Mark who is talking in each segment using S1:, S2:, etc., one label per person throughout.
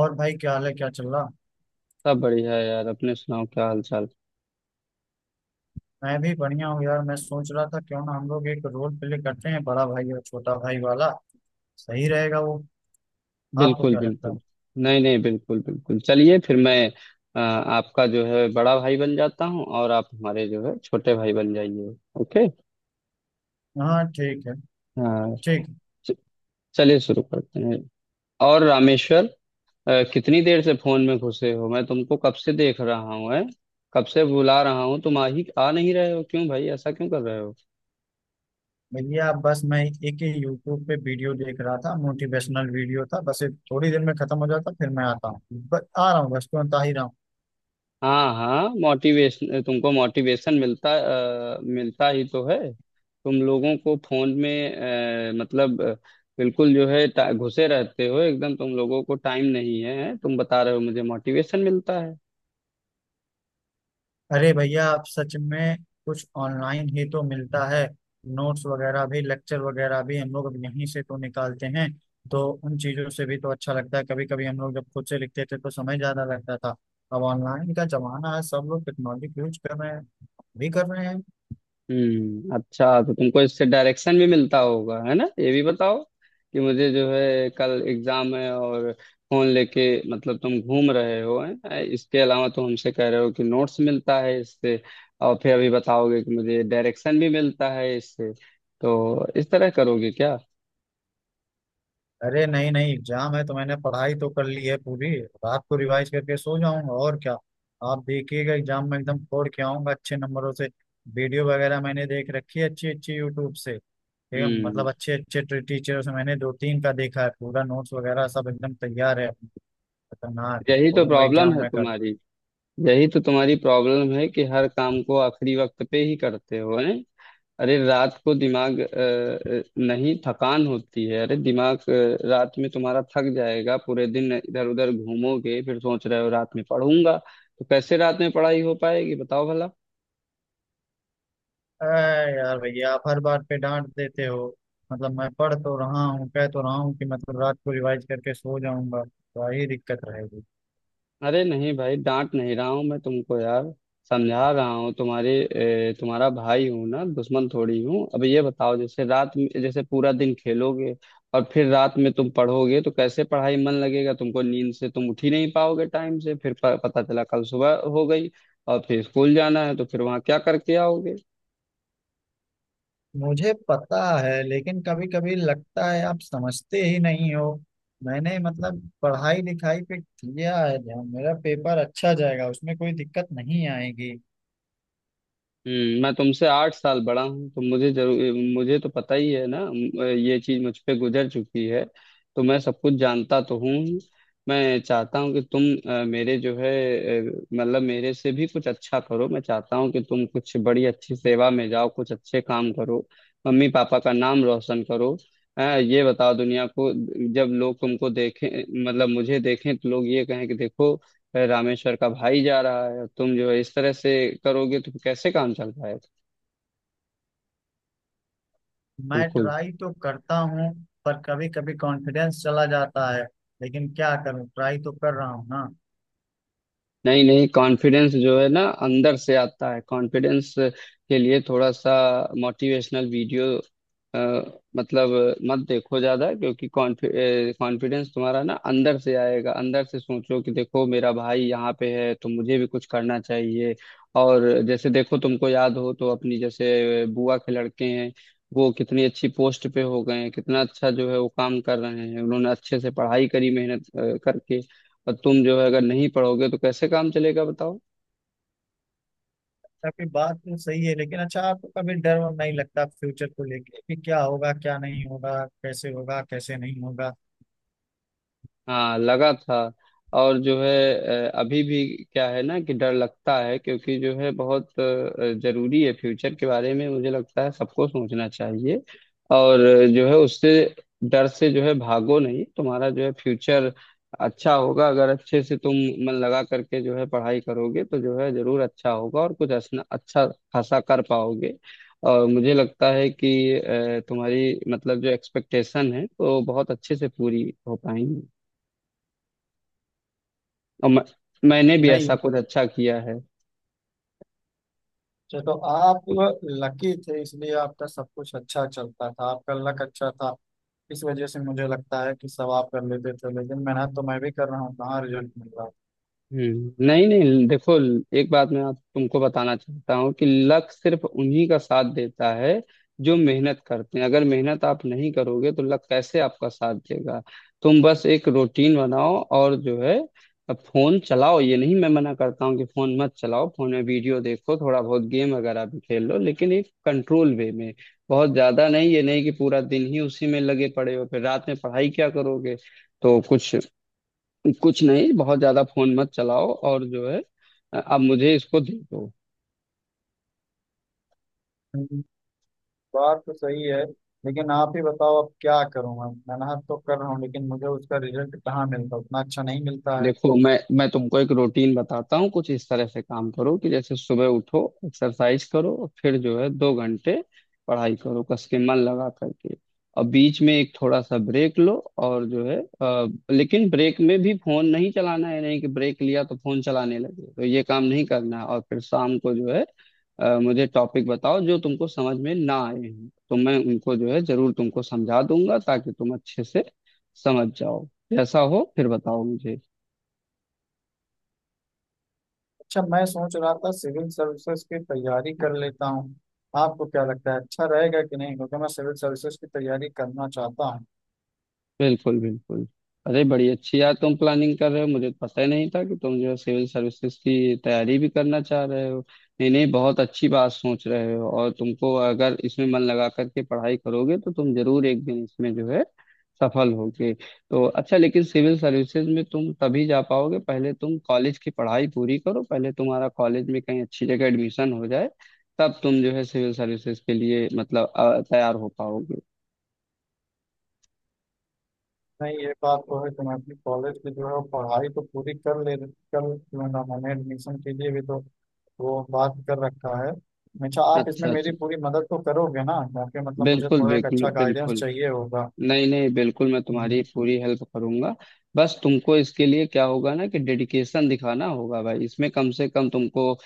S1: और भाई क्या हाल है, क्या चल रहा।
S2: सब बढ़िया है यार, अपने सुनाओ क्या हाल चाल।
S1: मैं भी बढ़िया हूँ यार। मैं सोच रहा था क्यों ना हम लोग एक रोल प्ले करते हैं, बड़ा भाई और छोटा भाई वाला। सही रहेगा वो? आपको
S2: बिल्कुल
S1: क्या लगता
S2: बिल्कुल।
S1: है?
S2: नहीं नहीं, बिल्कुल बिल्कुल, चलिए फिर मैं आपका जो है बड़ा भाई बन जाता हूँ और आप हमारे जो है छोटे भाई बन जाइए। ओके।
S1: हाँ ठीक है।
S2: हाँ।
S1: ठीक है।
S2: च- चलिए शुरू करते हैं। और रामेश्वर, कितनी देर से फोन में घुसे हो, मैं तुमको कब से देख रहा हूँ है, कब से बुला रहा हूँ, तुम आ नहीं रहे हो, क्यों भाई ऐसा क्यों कर रहे हो?
S1: भैया बस मैं एक ही यूट्यूब पे वीडियो देख रहा था, मोटिवेशनल वीडियो था, बस ये थोड़ी देर में खत्म हो जाता फिर मैं आता हूँ। आ रहा हूँ, बस तुरंत आ ही रहा हूँ।
S2: हाँ हाँ, मोटिवेशन तुमको मोटिवेशन मिलता, मिलता ही तो है तुम लोगों को फोन में। अ, मतलब अ, बिल्कुल जो है घुसे रहते हो एकदम, तुम लोगों को टाइम नहीं है, तुम बता रहे हो मुझे मोटिवेशन मिलता है।
S1: अरे भैया आप सच में। कुछ ऑनलाइन ही तो मिलता है। नोट्स वगैरह भी, लेक्चर वगैरह भी हम लोग अब यहीं से तो निकालते हैं। तो उन चीज़ों से भी तो अच्छा लगता है। कभी कभी हम लोग जब खुद से लिखते थे तो समय ज़्यादा लगता था। अब ऑनलाइन का जमाना है, सब लोग टेक्नोलॉजी यूज कर रहे हैं, हम भी कर रहे हैं।
S2: हम्म, अच्छा तो तुमको इससे डायरेक्शन भी मिलता होगा, है ना, ये भी बताओ कि मुझे जो है कल एग्जाम है और फोन लेके, मतलब तुम घूम रहे हो हैं, इसके अलावा तुम हमसे कह रहे हो कि नोट्स मिलता है इससे, और फिर अभी बताओगे कि मुझे डायरेक्शन भी मिलता है इससे, तो इस तरह करोगे क्या?
S1: अरे नहीं नहीं, एग्जाम है तो मैंने पढ़ाई तो कर ली है, पूरी रात को रिवाइज करके सो जाऊंगा और क्या। आप देखिएगा, एग्जाम में एकदम फोड़ के आऊंगा, अच्छे नंबरों से। वीडियो वगैरह मैंने देख रखी है अच्छी अच्छी यूट्यूब से। ठीक है,
S2: हम्म,
S1: मतलब अच्छे अच्छे टीचरों से मैंने दो तीन का देखा है, पूरा नोट्स वगैरह सब एकदम तैयार है। खतरनाक।
S2: यही तो
S1: फोड़ूंगा
S2: प्रॉब्लम
S1: एग्जाम
S2: है
S1: में कल।
S2: तुम्हारी। यही तो तुम्हारी प्रॉब्लम है कि हर काम को आखिरी वक्त पे ही करते हो, है। अरे रात को दिमाग नहीं थकान होती है, अरे दिमाग रात में तुम्हारा थक जाएगा, पूरे दिन इधर उधर घूमोगे फिर सोच रहे हो रात में पढ़ूंगा, तो कैसे रात में पढ़ाई हो पाएगी बताओ भला।
S1: अरे यार भैया, आप हर बात पे डांट देते हो। मतलब मैं पढ़ तो रहा हूँ, कह तो रहा हूँ कि मतलब रात को रिवाइज करके सो जाऊंगा। तो यही दिक्कत रहेगी।
S2: अरे नहीं भाई, डांट नहीं रहा हूँ मैं तुमको यार, समझा रहा हूँ। तुम्हारा भाई हूँ ना, दुश्मन थोड़ी हूँ। अब ये बताओ, जैसे रात में, जैसे पूरा दिन खेलोगे और फिर रात में तुम पढ़ोगे, तो कैसे पढ़ाई मन लगेगा तुमको, नींद से तुम उठ ही नहीं पाओगे टाइम से, फिर पता चला कल सुबह हो गई, और फिर स्कूल जाना है तो फिर वहाँ क्या करके आओगे?
S1: मुझे पता है, लेकिन कभी कभी लगता है आप समझते ही नहीं हो। मैंने मतलब पढ़ाई लिखाई पे किया है ध्यान, मेरा पेपर अच्छा जाएगा, उसमें कोई दिक्कत नहीं आएगी।
S2: मैं तुमसे 8 साल बड़ा हूँ तो मुझे जरूर, मुझे तो पता ही है ना, ये चीज मुझ पे गुजर चुकी है, तो मैं सब कुछ जानता तो हूँ ही। मैं चाहता हूँ कि तुम मेरे जो है मेरे से भी कुछ अच्छा करो। मैं चाहता हूँ कि तुम कुछ बड़ी अच्छी सेवा में जाओ, कुछ अच्छे काम करो, मम्मी पापा का नाम रोशन करो। ये बताओ, दुनिया को जब लोग तुमको देखें, मतलब मुझे देखें, तो लोग ये कहें कि देखो है रामेश्वर का भाई जा रहा है, और तुम जो है इस तरह से करोगे तो कैसे काम चल पाएगा?
S1: मैं
S2: बिल्कुल।
S1: ट्राई तो करता हूँ, पर कभी कभी कॉन्फिडेंस चला जाता है। लेकिन क्या करूँ, ट्राई तो कर रहा हूँ ना।
S2: नहीं नहीं, कॉन्फिडेंस जो है ना अंदर से आता है। कॉन्फिडेंस के लिए थोड़ा सा मोटिवेशनल वीडियो मतलब मत देखो ज्यादा, क्योंकि कॉन्फिडेंस तुम्हारा ना अंदर से आएगा, अंदर से सोचो कि देखो मेरा भाई यहाँ पे है तो मुझे भी कुछ करना चाहिए। और जैसे देखो तुमको याद हो तो, अपनी जैसे बुआ के लड़के हैं, वो कितनी अच्छी पोस्ट पे हो गए हैं, कितना अच्छा जो है वो काम कर रहे हैं, उन्होंने अच्छे से पढ़ाई करी, मेहनत करके। और तुम जो है अगर नहीं पढ़ोगे तो कैसे काम चलेगा बताओ।
S1: काफी बात तो सही है, लेकिन अच्छा आपको कभी डर वर नहीं लगता फ्यूचर को लेके, कि क्या होगा क्या नहीं होगा, कैसे होगा कैसे नहीं होगा?
S2: हाँ, लगा था, और जो है अभी भी, क्या है ना कि डर लगता है, क्योंकि जो है बहुत जरूरी है फ्यूचर के बारे में, मुझे लगता है सबको सोचना चाहिए। और जो है उससे, डर से जो है भागो नहीं, तुम्हारा जो है फ्यूचर अच्छा होगा अगर अच्छे से तुम मन लगा करके जो है पढ़ाई करोगे, तो जो है जरूर अच्छा होगा और कुछ असना अच्छा खासा कर पाओगे। और मुझे लगता है कि तुम्हारी मतलब जो एक्सपेक्टेशन है वो बहुत अच्छे से पूरी हो पाएंगी, और मैंने भी
S1: नहीं,
S2: ऐसा कुछ अच्छा किया है।
S1: चलो आप लकी थे इसलिए आपका सब कुछ अच्छा चलता था, आपका लक अच्छा था। इस वजह से मुझे लगता है कि सब आप कर लेते थे, लेकिन मेहनत तो मैं भी कर रहा हूँ, कहाँ रिजल्ट मिल रहा है।
S2: हम्म, नहीं नहीं देखो, एक बात मैं आप तुमको बताना चाहता हूँ कि लक सिर्फ उन्हीं का साथ देता है जो मेहनत करते हैं। अगर मेहनत आप नहीं करोगे तो लक कैसे आपका साथ देगा? तुम बस एक रूटीन बनाओ और जो है फोन चलाओ, ये नहीं मैं मना करता हूँ कि फोन मत चलाओ, फोन में वीडियो देखो, थोड़ा बहुत गेम वगैरह भी खेल लो, लेकिन एक कंट्रोल वे में, बहुत ज्यादा नहीं। ये नहीं कि पूरा दिन ही उसी में लगे पड़े हो फिर रात में पढ़ाई क्या करोगे? तो कुछ कुछ नहीं, बहुत ज्यादा फोन मत चलाओ और जो है अब मुझे इसको दे दो।
S1: हम्म, बात तो सही है। लेकिन आप ही बताओ अब क्या करूँ मैं। मेहनत तो कर रहा हूँ, लेकिन मुझे उसका रिजल्ट कहाँ मिलता, उतना अच्छा नहीं मिलता है।
S2: देखो, मैं तुमको एक रूटीन बताता हूँ, कुछ इस तरह से काम करो कि जैसे सुबह उठो, एक्सरसाइज करो और फिर जो है 2 घंटे पढ़ाई करो कस के मन लगा करके, और बीच में एक थोड़ा सा ब्रेक लो, और जो है लेकिन ब्रेक में भी फोन नहीं चलाना है, नहीं कि ब्रेक लिया तो फोन चलाने लगे, तो ये काम नहीं करना है। और फिर शाम को जो है मुझे टॉपिक बताओ जो तुमको समझ में ना आए हैं, तो मैं उनको जो है जरूर तुमको समझा दूंगा ताकि तुम अच्छे से समझ जाओ। जैसा हो फिर बताओ मुझे।
S1: अच्छा, मैं सोच रहा था सिविल सर्विसेज की तैयारी कर लेता हूँ। आपको क्या लगता है, अच्छा रहेगा कि नहीं? क्योंकि मैं सिविल सर्विसेज की तैयारी करना चाहता हूँ।
S2: बिल्कुल बिल्कुल। अरे बड़ी अच्छी यार तुम प्लानिंग कर रहे हो, मुझे तो पता ही नहीं था कि तुम जो है सिविल सर्विसेज की तैयारी भी करना चाह रहे हो। नहीं नहीं, बहुत अच्छी बात सोच रहे हो, और तुमको अगर इसमें मन लगा करके पढ़ाई करोगे तो तुम जरूर एक दिन इसमें जो है सफल होगे, तो अच्छा। लेकिन सिविल सर्विसेज में तुम तभी जा पाओगे, पहले तुम कॉलेज की पढ़ाई पूरी करो, पहले तुम्हारा कॉलेज में कहीं अच्छी जगह एडमिशन हो जाए, तब तुम जो है सिविल सर्विसेज के लिए मतलब तैयार हो पाओगे।
S1: नहीं, ये बात तो है, तुम अपनी कॉलेज की जो है वो पढ़ाई तो पूरी कर ले कर। क्यों ना, मैंने एडमिशन के लिए भी तो वो बात कर रखा है। अच्छा, आप इसमें
S2: अच्छा अच्छा।
S1: मेरी पूरी मदद तो करोगे ना? क्योंकि मतलब मुझे
S2: बिल्कुल
S1: थोड़ा एक
S2: बिल्कुल
S1: अच्छा गाइडेंस
S2: बिल्कुल।
S1: चाहिए होगा।
S2: नहीं नहीं, बिल्कुल मैं
S1: हम्म।
S2: तुम्हारी पूरी हेल्प करूंगा। बस तुमको इसके लिए क्या होगा ना कि डेडिकेशन दिखाना होगा भाई इसमें। कम से कम तुमको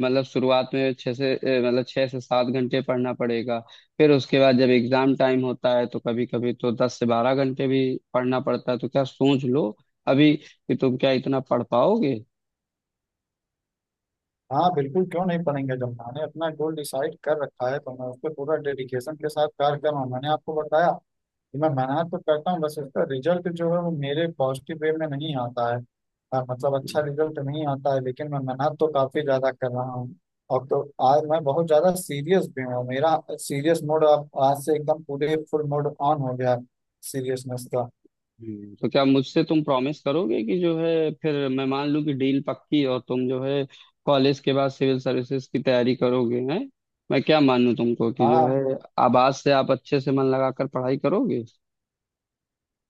S2: मतलब शुरुआत में 6 से 7 घंटे पढ़ना पड़ेगा, फिर उसके बाद जब एग्जाम टाइम होता है तो कभी कभी तो 10 से 12 घंटे भी पढ़ना पड़ता है। तो क्या सोच लो अभी कि तुम क्या इतना पढ़ पाओगे?
S1: हाँ बिल्कुल, क्यों नहीं पढ़ेंगे? जब मैंने अपना गोल डिसाइड कर रखा है तो मैं उस पर पूरा डेडिकेशन के साथ कार्य कर रहा हूँ। मैंने आपको बताया कि मैं मेहनत तो करता हूँ, बस उसका रिजल्ट जो है वो मेरे पॉजिटिव वे में नहीं आता है। हाँ, मतलब अच्छा रिजल्ट नहीं आता है, लेकिन मैं मेहनत तो काफी ज्यादा कर रहा हूँ और तो। आज मैं बहुत ज्यादा सीरियस भी हूँ, मेरा सीरियस मोड अब आज से एकदम पूरे फुल मोड ऑन हो गया, सीरियसनेस का।
S2: तो क्या मुझसे तुम प्रॉमिस करोगे कि जो है फिर मैं मान लूं कि डील पक्की और तुम जो है कॉलेज के बाद सिविल सर्विसेज की तैयारी करोगे, हैं? मैं क्या मानूं तुमको कि जो
S1: हाँ
S2: है आवाज से आप अच्छे से मन लगाकर पढ़ाई करोगे।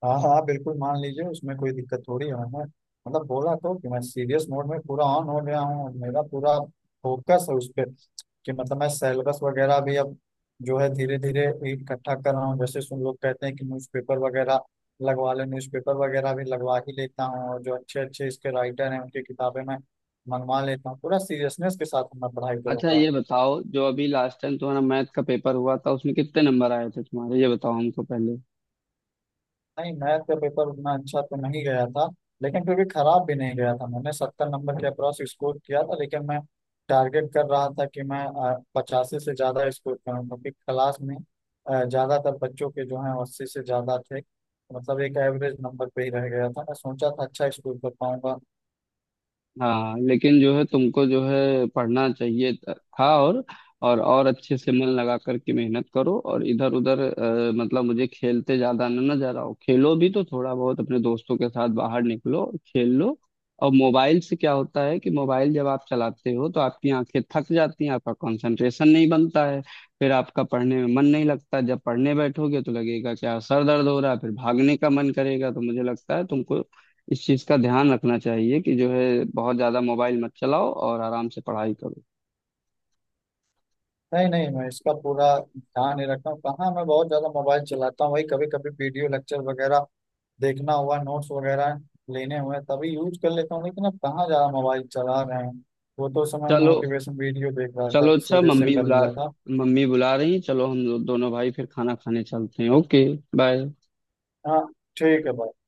S1: हाँ हाँ हाँ, बिल्कुल मान लीजिए, उसमें कोई दिक्कत थोड़ी है। मैंने मतलब बोला तो कि मैं सीरियस मोड में पूरा ऑन हो गया हूँ और मेरा पूरा फोकस है उस पर। कि मतलब मैं सिलेबस वगैरह भी अब जो है धीरे धीरे इकट्ठा कर रहा हूँ। जैसे सुन लोग कहते हैं कि न्यूज़पेपर वगैरह लगवा ले, न्यूज़पेपर वगैरह भी लगवा ही लेता हूँ। और जो अच्छे अच्छे इसके राइटर हैं, उनकी किताबें मैं मंगवा लेता हूँ। पूरा सीरियसनेस के साथ मैं पढ़ाई
S2: अच्छा
S1: करूँगा।
S2: ये बताओ, जो अभी लास्ट टाइम तुम्हारा मैथ का पेपर हुआ था उसमें कितने नंबर आए थे तुम्हारे, ये बताओ हमको पहले।
S1: नहीं, मैथ का पेपर उतना अच्छा तो नहीं गया था, लेकिन फिर भी खराब भी नहीं गया था। मैंने 70 नंबर के अप्रॉक्स स्कोर किया था, लेकिन मैं टारगेट कर रहा था कि मैं 85 से ज़्यादा स्कोर करूँ, क्योंकि क्लास में ज़्यादातर बच्चों के जो हैं 80 से ज़्यादा थे। मतलब एक एवरेज नंबर पे ही रह गया था, मैं सोचा था अच्छा स्कोर कर पाऊंगा।
S2: हाँ, लेकिन जो है तुमको जो है पढ़ना चाहिए था, और और अच्छे से मन लगा करके मेहनत करो, और इधर उधर मतलब मुझे खेलते ज्यादा ना ना जा रहा हो, खेलो भी तो थोड़ा बहुत अपने दोस्तों के साथ बाहर निकलो खेल लो। और मोबाइल से क्या होता है कि मोबाइल जब आप चलाते हो तो आपकी आंखें थक जाती हैं, आपका कंसंट्रेशन नहीं बनता है, फिर आपका पढ़ने में मन नहीं लगता। जब पढ़ने बैठोगे तो लगेगा क्या सर दर्द हो रहा है, फिर भागने का मन करेगा। तो मुझे लगता है तुमको इस चीज का ध्यान रखना चाहिए कि जो है बहुत ज्यादा मोबाइल मत चलाओ और आराम से पढ़ाई करो।
S1: नहीं नहीं, मैं इसका पूरा ध्यान नहीं रखता हूँ, कहाँ मैं बहुत ज़्यादा मोबाइल चलाता हूँ। वही कभी कभी वीडियो लेक्चर वगैरह देखना हुआ, नोट्स वगैरह लेने हुए, तभी यूज कर लेता हूँ। लेकिन अब कहाँ ज्यादा मोबाइल चला रहे हैं। वो तो उस समय
S2: चलो
S1: मोटिवेशन वीडियो देख रहा था,
S2: चलो,
S1: इस
S2: अच्छा
S1: वजह से
S2: मम्मी
S1: कर
S2: बुला,
S1: लिया था।
S2: मम्मी बुला रही हैं, चलो हम दोनों भाई फिर खाना खाने चलते हैं। Okay, bye.
S1: हाँ ठीक है भाई।